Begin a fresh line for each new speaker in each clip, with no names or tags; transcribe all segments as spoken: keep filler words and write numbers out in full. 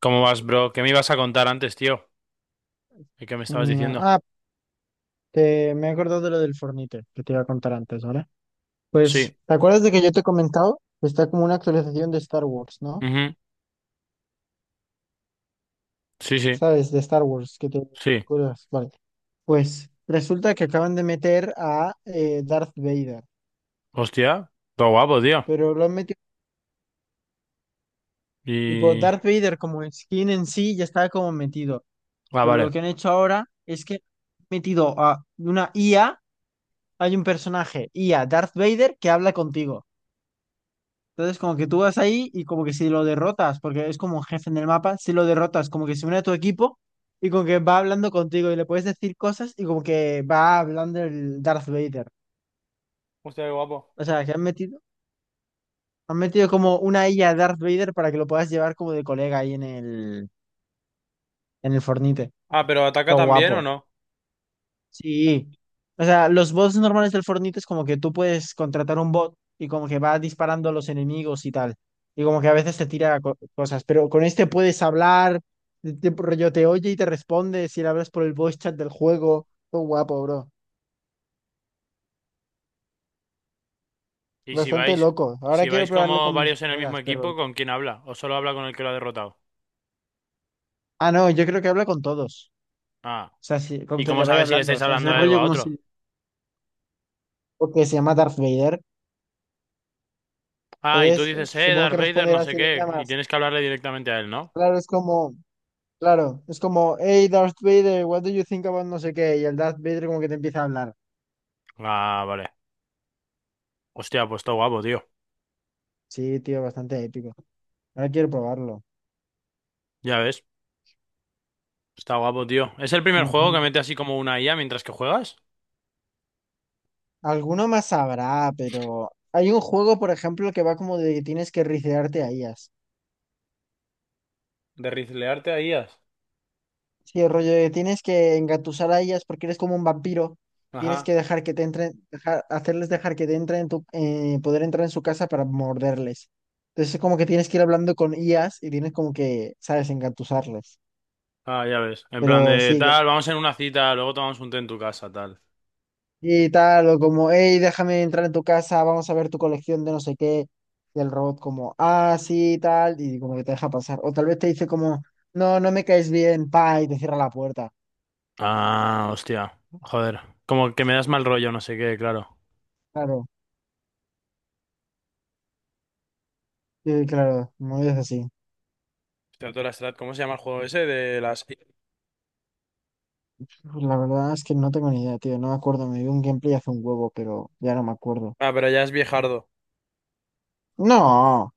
¿Cómo vas, bro? ¿Qué me ibas a contar antes, tío? ¿Y qué me estabas
Mi ma-
diciendo?
Ah, te- Me he acordado de lo del Fornite que te iba a contar antes, ¿vale? Pues,
Sí,
¿te acuerdas de que yo te he comentado? Está como una actualización de Star Wars, ¿no?
ujú. Sí, sí.
¿Sabes? De Star Wars, que te
Sí.
acuerdas. Vale. Pues resulta que acaban de meter a eh, Darth Vader,
Hostia. Todo guapo, tío.
pero lo han metido, tipo,
Y...
Darth Vader como skin en sí ya estaba como metido,
ah,
pero
vale.
lo que han hecho ahora es que han metido a una I A, hay un personaje I A, Darth Vader, que habla contigo. Entonces, como que tú vas ahí y como que si lo derrotas, porque es como un jefe en el mapa, si lo derrotas, como que se une a tu equipo y como que va hablando contigo y le puedes decir cosas y como que va hablando el Darth Vader.
Hostia, qué guapo.
O sea, que han metido, han metido como una I A Darth Vader para que lo puedas llevar como de colega ahí en el, en el Fortnite.
Ah, ¿pero ataca
Todo
también o
guapo.
no?
Sí. O sea, los bots normales del Fortnite es como que tú puedes contratar un bot y como que va disparando a los enemigos y tal. Y como que a veces te tira co- cosas, pero con este puedes hablar, te, te- rollo te oye y te responde si le hablas por el voice chat del juego. Todo guapo, bro.
¿Y si
Bastante
vais,
loco.
si
Ahora quiero
vais
probarlo
como
con mis
varios en el mismo
colegas, pero...
equipo, con quién habla? ¿O solo habla con el que lo ha derrotado?
Ah, no, yo creo que habla con todos.
Ah.
O sea, si- con
¿Y
quien
cómo
le vaya
sabes si le
hablando. O
estáis
sea,
hablando
ese
a él o
rollo
a
como
otro?
si... Porque se llama Darth Vader.
Ah, y tú
Entonces,
dices, eh,
supongo
Darth
que
Vader, no
responderá
sé
si le
qué, y
llamas.
tienes que hablarle directamente a él, ¿no?
Claro, es como... Claro, es como, hey Darth Vader, what do you think about no sé qué? Y el Darth Vader como que te empieza a hablar.
Ah, vale. Hostia, pues está guapo, tío.
Sí, tío, bastante épico. Ahora quiero probarlo.
Ya ves, está guapo, tío. ¿Es el primer
Ujú.
juego que mete así como una I A mientras que juegas?
Alguno más habrá, pero hay un juego, por ejemplo, que va como de que tienes que ricearte a ellas.
De rizlearte a I As.
Sí, el rollo de que tienes que engatusar a ellas porque eres como un vampiro.
Ajá.
Tienes que dejar que te entren, dejar, hacerles dejar que te entren en tu, eh, poder entrar en su casa para morderles. Entonces es como que tienes que ir hablando con ellas y tienes como que, ¿sabes?, engatusarles.
Ah, ya ves. En plan
Pero
de
sí,
tal, vamos en una cita, luego tomamos un té en tu casa, tal.
y tal, o como, hey, déjame entrar en tu casa, vamos a ver tu colección de no sé qué. Y el robot como, ah, sí, tal, y como que te deja pasar. O tal vez te dice como, no, no me caes bien, pa, y te cierra la puerta.
Ah, hostia. Joder. Como que me das
Sí,
mal rollo, no sé qué, claro.
claro, sí, claro, muy es así.
Hostia, tú la Strat, ¿cómo se llama el juego ese? De las...
Pues la verdad es que no tengo ni idea, tío, no me acuerdo, me vi un gameplay hace un huevo, pero ya no me acuerdo.
Ah, pero ya es viejardo.
No,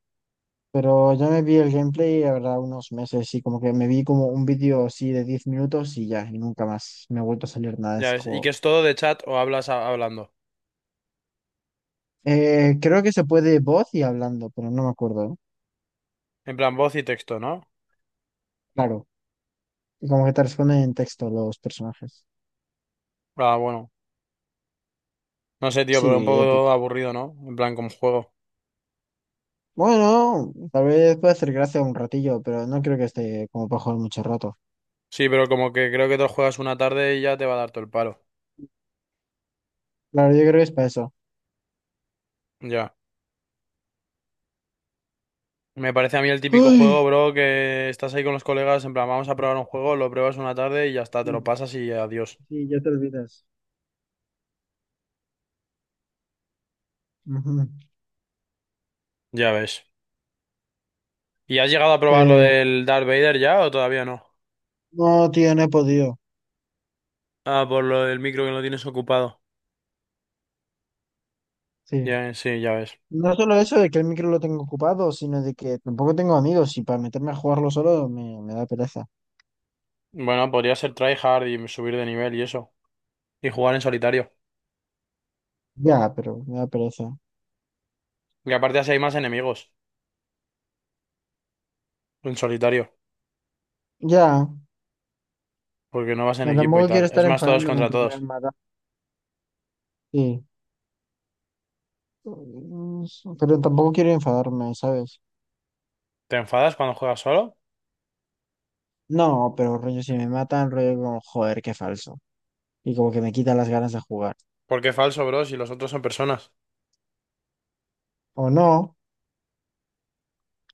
pero yo me vi el gameplay, la verdad, unos meses, y como que me vi como un vídeo así de diez minutos y ya, y nunca más me ha vuelto a salir nada de
Ya
ese
ves. ¿Y que
juego.
es todo de chat o hablas a- hablando?
Eh, creo que se puede voz y hablando, pero no me acuerdo.
En plan, voz y texto, ¿no?
Claro, y como que te responden en texto los personajes.
Ah, bueno. No sé, tío, pero un
Sí,
poco
épico.
aburrido, ¿no? En plan, como juego.
Bueno, tal vez puede hacer gracia un ratillo, pero no creo que esté como para jugar mucho rato.
Sí, pero como que creo que te lo juegas una tarde y ya te va a dar todo el palo.
Claro, yo creo que es para eso.
Ya. Me parece a mí el típico
Uy,
juego, bro, que estás ahí con los colegas, en plan, vamos a probar un juego, lo pruebas una tarde y ya está, te lo
sí,
pasas y adiós.
sí, ya te olvidas. Ujú.
Ya ves. ¿Y has llegado a probar lo
Eh,
del Darth Vader ya o todavía no?
no, tío, no he podido.
Ah, por lo del micro que no tienes ocupado.
Sí.
Ya, sí, ya ves.
No solo eso de que el micro lo tengo ocupado, sino de que tampoco tengo amigos y para meterme a jugarlo solo me, me da pereza.
Bueno, podría ser tryhard y subir de nivel y eso. Y jugar en solitario.
Ya, pero me da pereza.
Y aparte así hay más enemigos en solitario.
Ya.
Porque no vas en
Pero
equipo y
tampoco quiero
tal. Es
estar
más todos
enfadándome
contra
porque me
todos.
mata. Sí. Mm, Pero tampoco quiero enfadarme, ¿sabes?
¿Te enfadas cuando juegas solo?
No, pero rollo, si me matan, rollo como, joder, qué falso. Y como que me quita las ganas de jugar.
¿Por qué falso, bro? Si los otros son personas.
O no,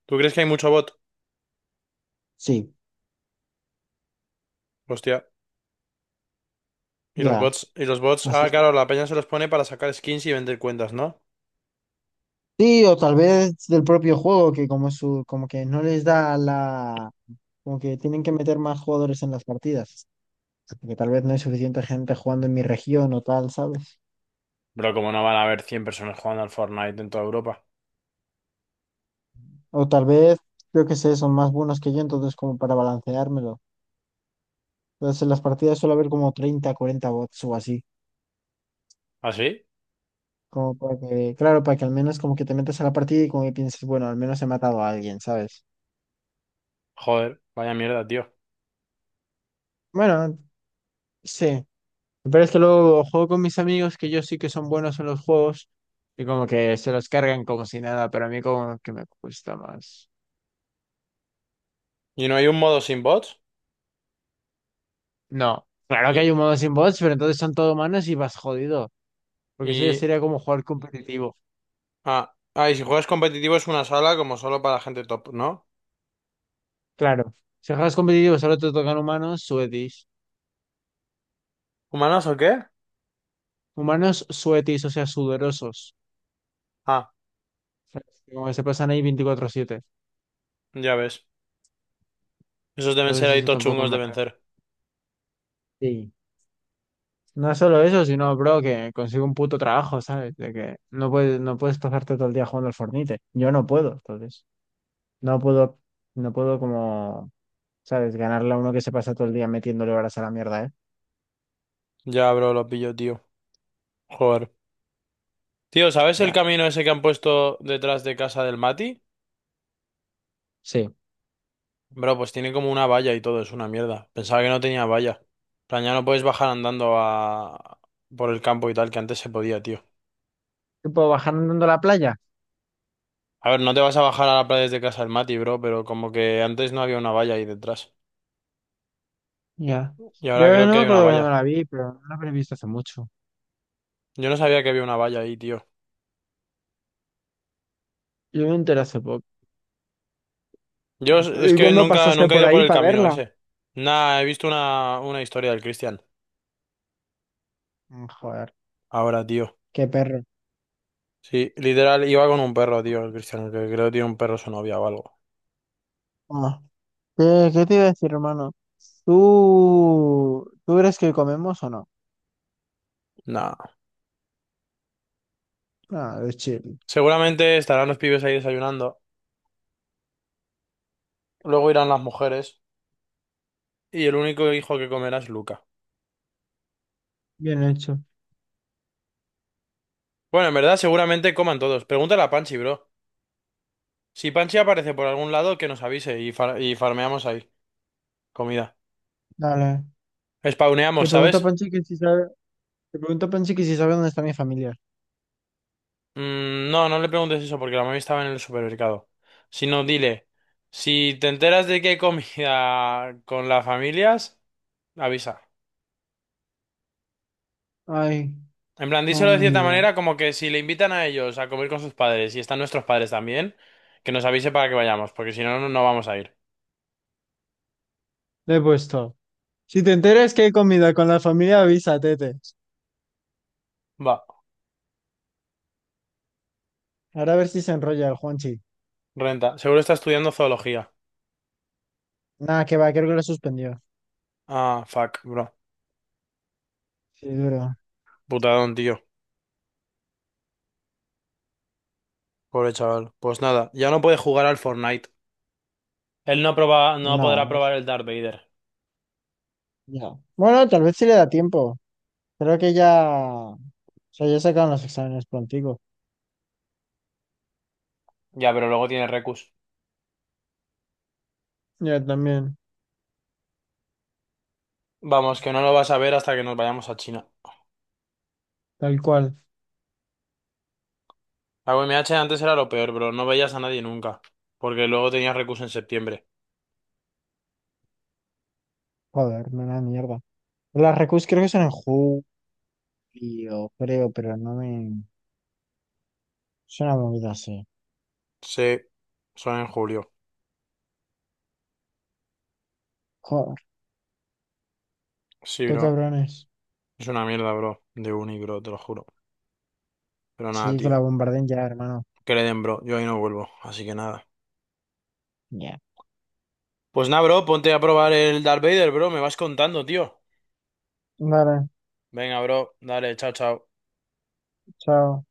¿Tú crees que hay mucho bot?
sí,
Hostia. Y los
ya,
bots, y los bots.
así
Ah,
está.
claro, la peña se los pone para sacar skins y vender cuentas, ¿no?
Sí, o tal vez del propio juego, que como su, como que no les da la, como que tienen que meter más jugadores en las partidas. Porque tal vez no hay suficiente gente jugando en mi región o tal, ¿sabes?
Pero como no van a haber cien personas jugando al Fortnite en toda Europa.
O tal vez, yo que sé, son más buenos que yo, entonces como para balanceármelo. Entonces, en las partidas suele haber como treinta cuarenta bots o así.
¿Ah, sí?
Como para que, claro, para que al menos como que te metas a la partida y como que pienses, bueno, al menos he matado a alguien, ¿sabes?
Joder, vaya mierda, tío.
Bueno, sí. Pero es que luego juego con mis amigos que yo sí que son buenos en los juegos y como que se los cargan como si nada, pero a mí como que me cuesta más.
¿Y no hay un modo sin bots?
No, claro que
Y,
hay un modo sin bots, pero entonces son todo humanos y vas jodido, porque eso ya
y,
sería como jugar competitivo.
ah, ah, ¿y si juegas competitivo es una sala como solo para gente top, ¿no?
Claro, si juegas competitivo solo te tocan humanos, suetis.
¿Humanos o qué?
Humanos suetis, o sea, sudorosos.
Ah,
¿Sabes? Como que se pasan ahí veinticuatro siete.
ya ves. Esos deben ser
Entonces
ahí
eso tampoco
tochungos de
me renta.
vencer.
Sí, no es solo eso, sino, bro, que consigo un puto trabajo, ¿sabes? De que no puedes, no puedes pasarte todo el día jugando al Fortnite. Yo no puedo, entonces. No puedo, no puedo como, ¿sabes? Ganarle a uno que se pasa todo el día metiéndole horas a la mierda, ¿eh?
Ya, bro, lo pillo, tío. Joder. Tío, ¿sabes el
Ya.
camino ese que han puesto detrás de casa del Mati?
Sí.
Bro, pues tiene como una valla y todo, es una mierda. Pensaba que no tenía valla. En plan, ya no puedes bajar andando a... por el campo y tal, que antes se podía, tío.
¿Qué puedo bajar andando a la playa?
A ver, no te vas a bajar a la playa desde casa del Mati, bro, pero como que antes no había una valla ahí detrás.
Ya.
Y
Yo
ahora creo
no
que
me
hay una
acuerdo cuando
valla.
la vi, pero no la habré visto hace mucho.
Yo no sabía que había una valla ahí, tío.
Yo me enteré hace poco.
Yo es es
¿Y
que
cuándo
nunca,
pasaste
nunca he
por
ido por
ahí
el
para
camino
verla?
ese. Nah, he visto una, una historia del Cristian.
Mm, joder,
Ahora, tío.
qué perro.
Sí, literal, iba con un perro, tío, el Cristiano, que creo que tiene un perro su novia o algo.
¿Qué, ¿qué te iba a decir, hermano? ¿Tú, ¿tú crees que comemos o no?
Nah.
Ah, es chill.
Seguramente estarán los pibes ahí desayunando, luego irán las mujeres, y el único hijo que comerá es Luca.
Bien hecho.
Bueno, en verdad, seguramente coman todos. Pregúntale a Panchi, bro. Si Panchi aparece por algún lado, que nos avise y, far- y farmeamos ahí. Comida.
Dale. Le
Spawneamos,
pregunto a
¿sabes?
Panchi que si sabe, Le pregunto a Panchi que si sabe dónde está mi familia.
Mm, no, no le preguntes eso porque la mami estaba en el supermercado. Sino dile, si te enteras de que hay comida con las familias, avisa.
Ay,
En plan, díselo de cierta
comida.
manera como que si le invitan a ellos a comer con sus padres y están nuestros padres también, que nos avise para que vayamos, porque si no, no, no vamos a ir.
Le he puesto. Si te enteras que hay comida con la familia, avisa, tete.
Va,
Ahora a ver si se enrolla el Juanchi.
renta. Seguro está estudiando zoología.
Nada, que va, creo que lo suspendió.
Ah, fuck, bro.
Sí, duro.
Putadón, tío. Pobre chaval. Pues nada, ya no puede jugar al Fortnite. Él no proba, no
No,
podrá
no s-
probar el Darth Vader.
Ya. Bueno, tal vez sí le da tiempo. Creo que ya, o sea, ya sacaron los exámenes prontigo.
Ya, pero luego tiene Recus.
Ya también,
Vamos, que no lo vas a ver hasta que nos vayamos a China.
tal cual.
La U M H antes era lo peor, bro. No veías a nadie nunca. Porque luego tenías Recus en septiembre.
Joder, me da mierda. Las recus creo que son en julio, creo, pero no me... Es una movida así.
Sí, son en julio.
Joder,
Sí,
tú
bro.
cabrones.
Es una mierda, bro, de uni, bro, te lo juro. Pero nada,
Sí, que la
tío.
bombarden ya, hermano.
Que le den, bro. Yo ahí no vuelvo, así que nada.
Ya.
Pues nada, bro, ponte a probar el Darth Vader, bro. Me vas contando, tío.
Vale,
Venga, bro. Dale, chao, chao.
chao.